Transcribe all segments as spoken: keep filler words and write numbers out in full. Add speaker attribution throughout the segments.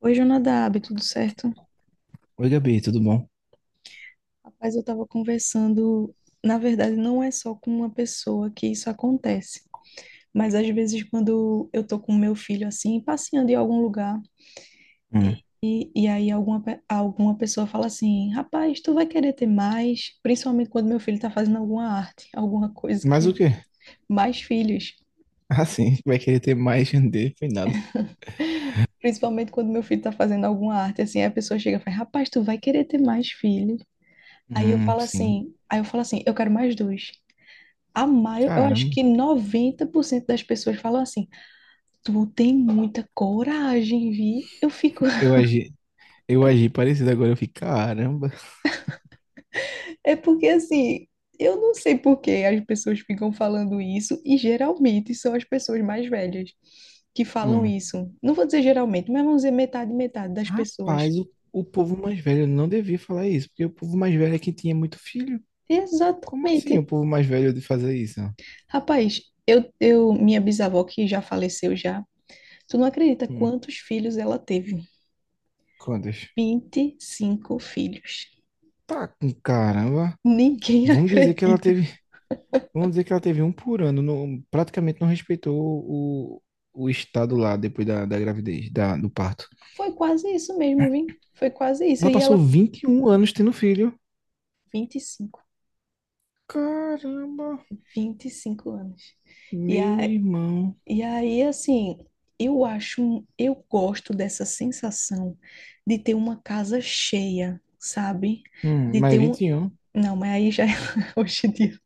Speaker 1: Oi, Jonadab, tudo certo?
Speaker 2: Oi, Gabi, tudo bom?
Speaker 1: Rapaz, eu estava conversando. Na verdade, não é só com uma pessoa que isso acontece, mas às vezes, quando eu tô com meu filho assim, passeando em algum lugar,
Speaker 2: Hum,
Speaker 1: e, e aí alguma, pe- alguma pessoa fala assim: rapaz, tu vai querer ter mais? Principalmente quando meu filho está fazendo alguma arte, alguma coisa
Speaker 2: Mas
Speaker 1: que.
Speaker 2: o quê?
Speaker 1: Mais filhos.
Speaker 2: Ah, sim, vai querer ter mais dele, foi nada.
Speaker 1: Principalmente quando meu filho está fazendo alguma arte, assim, aí a pessoa chega e fala: rapaz, tu vai querer ter mais filhos? Aí eu
Speaker 2: Hum,
Speaker 1: falo
Speaker 2: sim.
Speaker 1: assim, aí eu falo assim, eu quero mais dois. A maio, eu acho
Speaker 2: Caramba,
Speaker 1: que noventa por cento das pessoas falam assim: tu tem muita coragem, Vi. Eu fico.
Speaker 2: eu agi, eu agi parecido agora, eu fico, caramba.
Speaker 1: É porque assim, eu não sei por que as pessoas ficam falando isso, e geralmente são as pessoas mais velhas que falam
Speaker 2: Hum,
Speaker 1: isso. Não vou dizer geralmente, mas vamos dizer metade, metade das pessoas.
Speaker 2: Rapaz, o, o povo mais velho não devia falar isso, porque o povo mais velho é quem tinha muito filho. Como assim
Speaker 1: Exatamente.
Speaker 2: o povo mais velho de fazer isso?
Speaker 1: Rapaz, eu, eu, minha bisavó que já faleceu já, tu não acredita
Speaker 2: Hum.
Speaker 1: quantos filhos ela teve?
Speaker 2: Quantas?
Speaker 1: Vinte e cinco filhos.
Speaker 2: Tá com caramba.
Speaker 1: Ninguém
Speaker 2: Vamos dizer que ela
Speaker 1: acredita.
Speaker 2: teve, vamos dizer que ela teve um por ano, não- praticamente não respeitou o, o estado lá depois da, da gravidez, da, do parto.
Speaker 1: Foi quase isso mesmo, vim. Foi quase isso.
Speaker 2: Ela
Speaker 1: E
Speaker 2: passou
Speaker 1: ela,
Speaker 2: vinte e um anos tendo filho.
Speaker 1: vinte vinte e cinco
Speaker 2: Caramba,
Speaker 1: vinte e cinco anos. E, a,
Speaker 2: meu irmão.
Speaker 1: e aí, assim, eu acho, eu gosto dessa sensação de ter uma casa cheia, sabe?
Speaker 2: Hum,
Speaker 1: De
Speaker 2: mas
Speaker 1: ter um.
Speaker 2: vinte e um.
Speaker 1: Não, mas aí já hoje em dia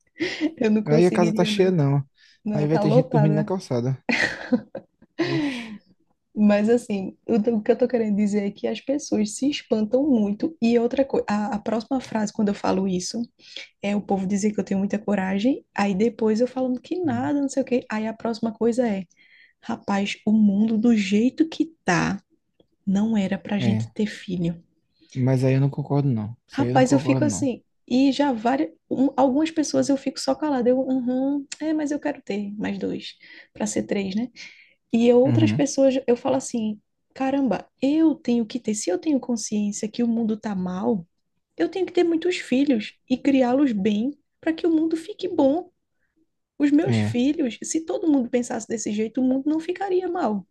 Speaker 1: eu não
Speaker 2: Aí a casa tá
Speaker 1: conseguiria,
Speaker 2: cheia,
Speaker 1: não.
Speaker 2: não. Aí
Speaker 1: Não,
Speaker 2: vai
Speaker 1: tá
Speaker 2: ter gente dormindo na
Speaker 1: lotada.
Speaker 2: calçada. Oxi.
Speaker 1: Mas assim, o t- o que eu tô querendo dizer é que as pessoas se espantam muito. E outra coisa, a, a próxima frase, quando eu falo isso, é o povo dizer que eu tenho muita coragem, aí depois eu falando que
Speaker 2: Hum,
Speaker 1: nada, não sei o quê. Aí a próxima coisa é, rapaz, o mundo do jeito que tá, não era pra gente
Speaker 2: É,
Speaker 1: ter filho.
Speaker 2: mas aí eu não concordo, não. Isso aí eu não
Speaker 1: Rapaz, eu fico
Speaker 2: concordo, não.
Speaker 1: assim, e já várias, um- algumas pessoas eu fico só calada, eu, uhum, é, mas eu quero ter mais dois, pra ser três, né? E eu- outras
Speaker 2: Uhum.
Speaker 1: pessoas eu falo assim, caramba, eu tenho que ter, se eu tenho consciência que o mundo tá mal, eu tenho que ter muitos filhos e criá-los bem para que o mundo fique bom. Os meus
Speaker 2: É,
Speaker 1: filhos, se todo mundo pensasse desse jeito, o mundo não ficaria mal.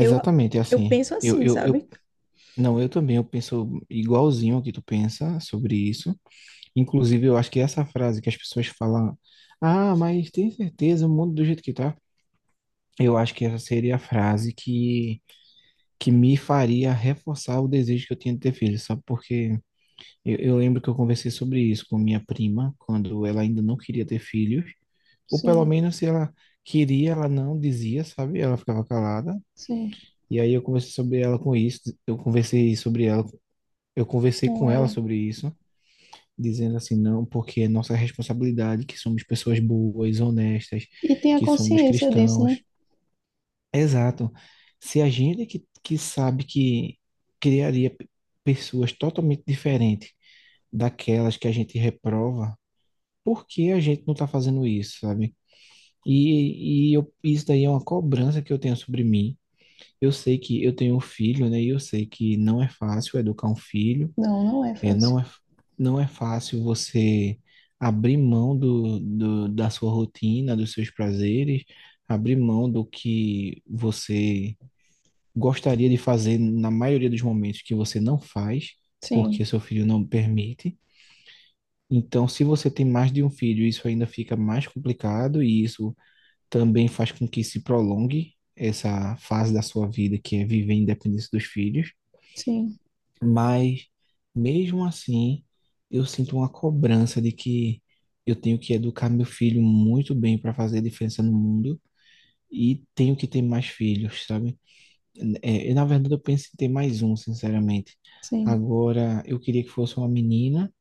Speaker 1: Eu, eu
Speaker 2: assim.
Speaker 1: penso
Speaker 2: Eu,
Speaker 1: assim,
Speaker 2: eu, eu,
Speaker 1: sabe?
Speaker 2: não, eu também, eu penso igualzinho ao que tu pensa sobre isso. Inclusive, eu acho que essa frase que as pessoas falam, ah, mas tem certeza, o mundo do jeito que tá. Eu acho que essa seria a frase que que me faria reforçar o desejo que eu tinha de ter filho, sabe? Porque eu, eu lembro que eu conversei sobre isso com minha prima, quando ela ainda não queria ter filhos, ou pelo
Speaker 1: Sim,
Speaker 2: menos se ela queria, ela não dizia, sabe? Ela ficava calada.
Speaker 1: sim,
Speaker 2: E aí eu conversei sobre ela com isso, eu conversei sobre ela, eu conversei
Speaker 1: com
Speaker 2: com ela
Speaker 1: ela.
Speaker 2: sobre isso, dizendo assim: não, porque é nossa responsabilidade, que somos pessoas boas, honestas,
Speaker 1: E tenha
Speaker 2: que somos
Speaker 1: consciência disso, né?
Speaker 2: cristãos. Exato. Se a gente que, que sabe que criaria pe- pessoas totalmente diferentes daquelas que a gente reprova, por que a gente não está fazendo isso, sabe? E, e eu- isso daí é uma cobrança que eu tenho sobre mim. Eu sei que eu tenho um filho, né? E eu sei que não é fácil educar um filho,
Speaker 1: Não, não é
Speaker 2: é,
Speaker 1: fácil.
Speaker 2: não é, não é fácil você abrir mão do, do, da sua rotina, dos seus prazeres, abrir mão do que você gostaria de fazer na maioria dos momentos que você não faz,
Speaker 1: Sim,
Speaker 2: porque seu filho não permite. Então, se você tem mais de um filho, isso ainda fica mais complicado, e isso também faz com que se prolongue essa fase da sua vida, que é viver independência dos filhos.
Speaker 1: sim,
Speaker 2: Mas mesmo assim, eu sinto uma cobrança de que eu tenho que educar meu filho muito bem para fazer a diferença no mundo e tenho que ter mais filhos, sabe? É, eu, na verdade, eu penso em ter mais um, sinceramente.
Speaker 1: sim,
Speaker 2: Agora, eu queria que fosse uma menina.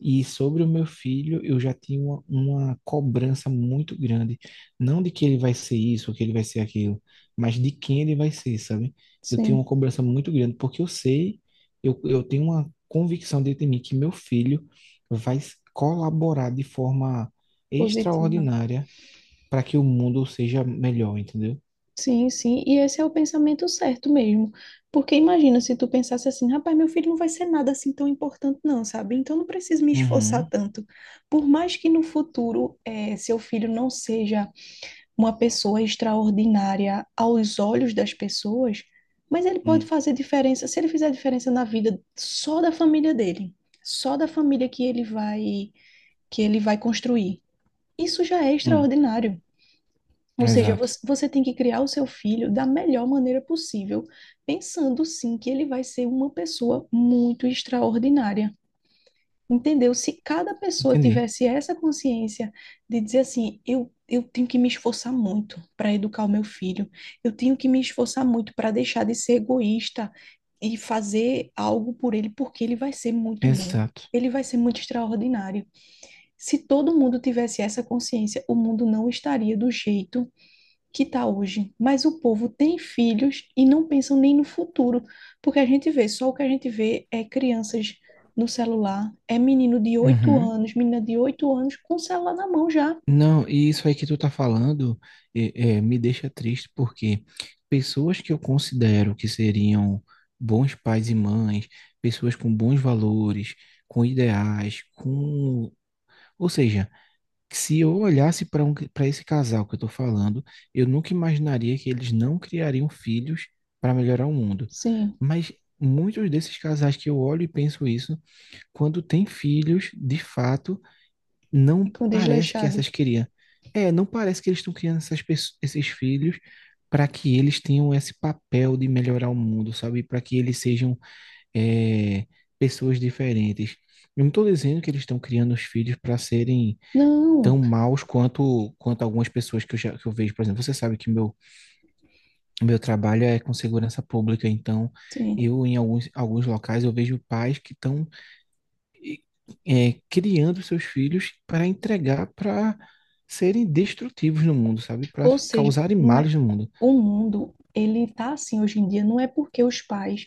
Speaker 2: E sobre o meu filho, eu já tinha uma, uma cobrança muito grande. Não de que ele vai ser isso ou que ele vai ser aquilo, mas de quem ele vai ser, sabe? Eu tenho uma
Speaker 1: sim.
Speaker 2: cobrança muito grande, porque eu sei, eu, eu tenho uma convicção dentro de mim que meu filho vai colaborar de forma
Speaker 1: Positiva.
Speaker 2: extraordinária para que o mundo seja melhor, entendeu?
Speaker 1: Sim, sim. E esse é o pensamento certo mesmo. Porque imagina se tu pensasse assim, rapaz, meu filho não vai ser nada assim tão importante, não, sabe? Então não preciso me esforçar
Speaker 2: Uhum,
Speaker 1: tanto. Por mais que no futuro eh, seu filho não seja uma pessoa extraordinária aos olhos das pessoas, mas ele pode
Speaker 2: hum,
Speaker 1: fazer diferença se ele fizer diferença na vida só da família dele, só da família que ele vai que ele vai construir. Isso já é
Speaker 2: hum,
Speaker 1: extraordinário. Ou seja, você,
Speaker 2: exato.
Speaker 1: você tem que criar o seu filho da melhor maneira possível, pensando sim que ele vai ser uma pessoa muito extraordinária. Entendeu? Se cada pessoa
Speaker 2: Entendi.
Speaker 1: tivesse essa consciência de dizer assim, eu, eu tenho que me esforçar muito para educar o meu filho, eu tenho que me esforçar muito para deixar de ser egoísta e fazer algo por ele, porque ele vai ser muito bom,
Speaker 2: Exato.
Speaker 1: ele vai ser muito extraordinário. Se todo mundo tivesse essa consciência, o mundo não estaria do jeito que está hoje, mas o povo tem filhos e não pensam nem no futuro, porque a gente vê, só o que a gente vê é crianças no celular, é menino de oito
Speaker 2: Uhum.
Speaker 1: anos, menina de oito anos com o celular na mão já.
Speaker 2: Não, e isso aí que tu tá falando é, é, me deixa triste, porque pessoas que eu considero que seriam bons pais e mães, pessoas com bons valores, com ideais, com. Ou seja, que se eu olhasse para um, para esse casal que eu tô falando, eu nunca imaginaria que eles não criariam filhos para melhorar o mundo.
Speaker 1: Sim,
Speaker 2: Mas muitos desses casais que eu olho e penso isso, quando têm filhos, de fato não
Speaker 1: e com
Speaker 2: parece que essas
Speaker 1: desleixados.
Speaker 2: queriam. É, não parece que eles estão criando essas pesso- esses filhos para que eles tenham esse papel de melhorar o mundo, sabe? Para que eles sejam é, pessoas diferentes. Eu não estou dizendo que eles estão criando os filhos para serem tão
Speaker 1: Não,
Speaker 2: maus quanto quanto algumas pessoas que eu já que eu vejo, por exemplo. Você sabe que meu meu trabalho é com segurança pública, então
Speaker 1: sim.
Speaker 2: eu em alguns alguns locais eu vejo pais que estão e, é, criando seus filhos para entregar para serem destrutivos no mundo, sabe? Para
Speaker 1: Ou seja,
Speaker 2: causarem
Speaker 1: não é
Speaker 2: males no mundo.
Speaker 1: o mundo, ele tá assim hoje em dia, não é porque os pais.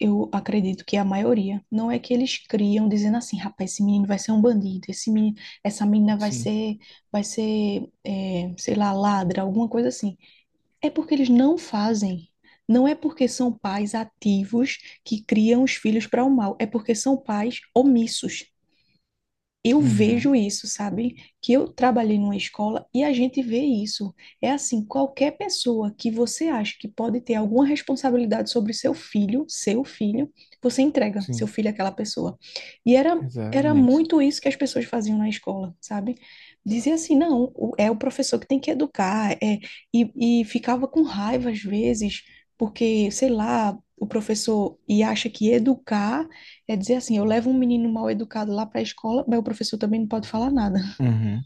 Speaker 1: Eu acredito que é a maioria. Não é que eles criam dizendo assim, rapaz, esse menino vai ser um bandido, esse menino, essa menina vai
Speaker 2: Sim.
Speaker 1: ser, vai ser, é, sei lá, ladra, alguma coisa assim. É porque eles não fazem. Não é porque são pais ativos que criam os filhos para o mal, é porque são pais omissos. Eu
Speaker 2: Uhum.
Speaker 1: vejo isso, sabe? Que eu trabalhei numa escola e a gente vê isso. É assim, qualquer pessoa que você acha que pode ter alguma responsabilidade sobre seu filho, seu filho, você entrega seu
Speaker 2: Sim,
Speaker 1: filho àquela pessoa. E era, era
Speaker 2: exatamente.
Speaker 1: muito isso que as pessoas faziam na escola, sabe? Dizia assim, não, o- é o professor que tem que educar, é, e, e ficava com raiva às vezes, porque, sei lá, o professor e acha que educar é dizer assim, eu levo um menino mal educado lá para a escola, mas o professor também não pode falar nada.
Speaker 2: Uhum.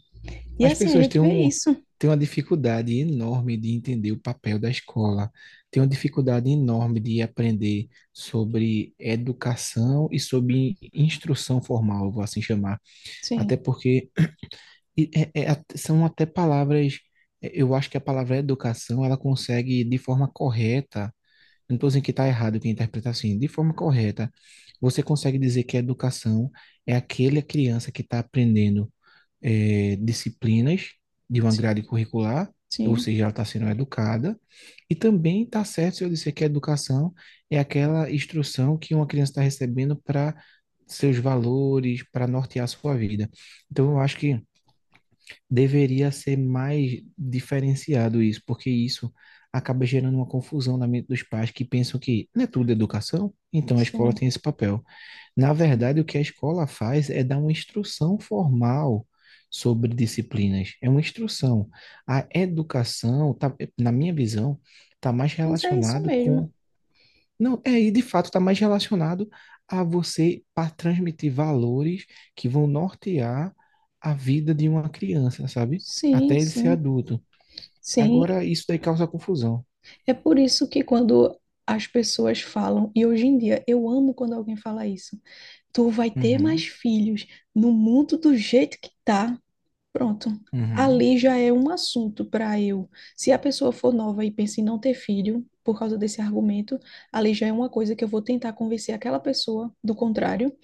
Speaker 1: E
Speaker 2: As
Speaker 1: assim, a
Speaker 2: pessoas
Speaker 1: gente
Speaker 2: têm
Speaker 1: vê
Speaker 2: um,
Speaker 1: isso.
Speaker 2: têm uma dificuldade enorme de entender o papel da escola, têm uma dificuldade enorme de aprender sobre educação e sobre instrução formal, vou assim chamar. Até
Speaker 1: Sim,
Speaker 2: porque E é- é é, at- são até palavras, é, eu acho que a palavra educação, ela consegue, de forma correta, não estou dizendo que está errado quem interpreta assim, de forma correta, você consegue dizer que a educação é aquele a criança que está aprendendo é, disciplinas de uma
Speaker 1: sim,
Speaker 2: grade curricular, ou
Speaker 1: sim,
Speaker 2: seja, ela está sendo educada, e também está certo se eu disser que a educação é aquela instrução que uma criança está recebendo para seus valores, para nortear a sua vida. Então, eu acho que deveria ser mais diferenciado isso, porque isso acaba gerando uma confusão na mente dos pais, que pensam que não é tudo educação, então a escola
Speaker 1: sim,
Speaker 2: tem esse papel. Na
Speaker 1: sim.
Speaker 2: verdade, o que a escola faz é dar uma instrução formal sobre disciplinas, é uma instrução. A educação, tá, na minha visão, está mais
Speaker 1: Mas é isso
Speaker 2: relacionado
Speaker 1: mesmo.
Speaker 2: com não, é, e de fato está mais relacionado a você para transmitir valores que vão nortear a vida de uma criança, sabe?
Speaker 1: Sim,
Speaker 2: Até ele ser
Speaker 1: sim,
Speaker 2: adulto.
Speaker 1: sim.
Speaker 2: Agora, isso daí causa confusão.
Speaker 1: É por isso que quando as pessoas falam, e hoje em dia eu amo quando alguém fala isso, tu vai ter mais
Speaker 2: Uhum,
Speaker 1: filhos no mundo do jeito que tá. Pronto.
Speaker 2: uhum,
Speaker 1: Ali já é um assunto para eu. Se a pessoa for nova e pensa em não ter filho por causa desse argumento, ali já é uma coisa que eu vou tentar convencer aquela pessoa do contrário.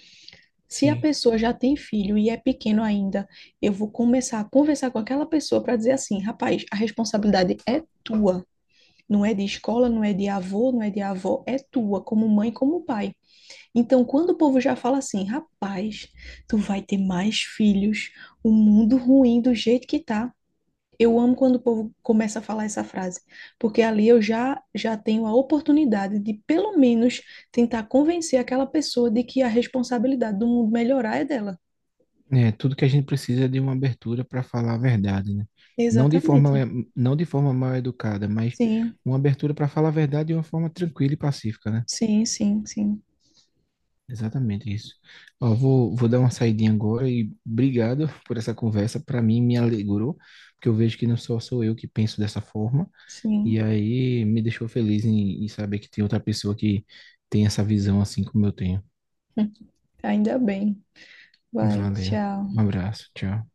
Speaker 1: Se a
Speaker 2: sim.
Speaker 1: pessoa já tem filho e é pequeno ainda, eu vou começar a conversar com aquela pessoa para dizer assim: rapaz, a responsabilidade é tua. Não é de escola, não é de avô, não é de avó, é tua, como mãe, como pai. Então, quando o povo já fala assim, rapaz, tu vai ter mais filhos, o mundo ruim do jeito que tá. Eu amo quando o povo começa a falar essa frase, porque ali eu já já tenho a oportunidade de pelo menos tentar convencer aquela pessoa de que a responsabilidade do mundo melhorar é dela.
Speaker 2: É, tudo que a gente precisa é de uma abertura para falar a verdade, né? Não de forma,
Speaker 1: Exatamente.
Speaker 2: é, não de forma mal educada, mas
Speaker 1: Sim,
Speaker 2: uma abertura para falar a verdade de uma forma tranquila e pacífica, né?
Speaker 1: sim, sim, sim,
Speaker 2: Exatamente isso. Ó, vou, vou dar uma saidinha agora e obrigado por essa conversa. Para mim, me alegrou, porque eu vejo que não só sou eu que penso dessa forma. E
Speaker 1: sim.
Speaker 2: aí me deixou feliz em, em saber que tem outra pessoa que tem essa visão assim como eu tenho.
Speaker 1: Ainda bem. Vai,
Speaker 2: Valeu. Um
Speaker 1: tchau.
Speaker 2: abraço. Tchau.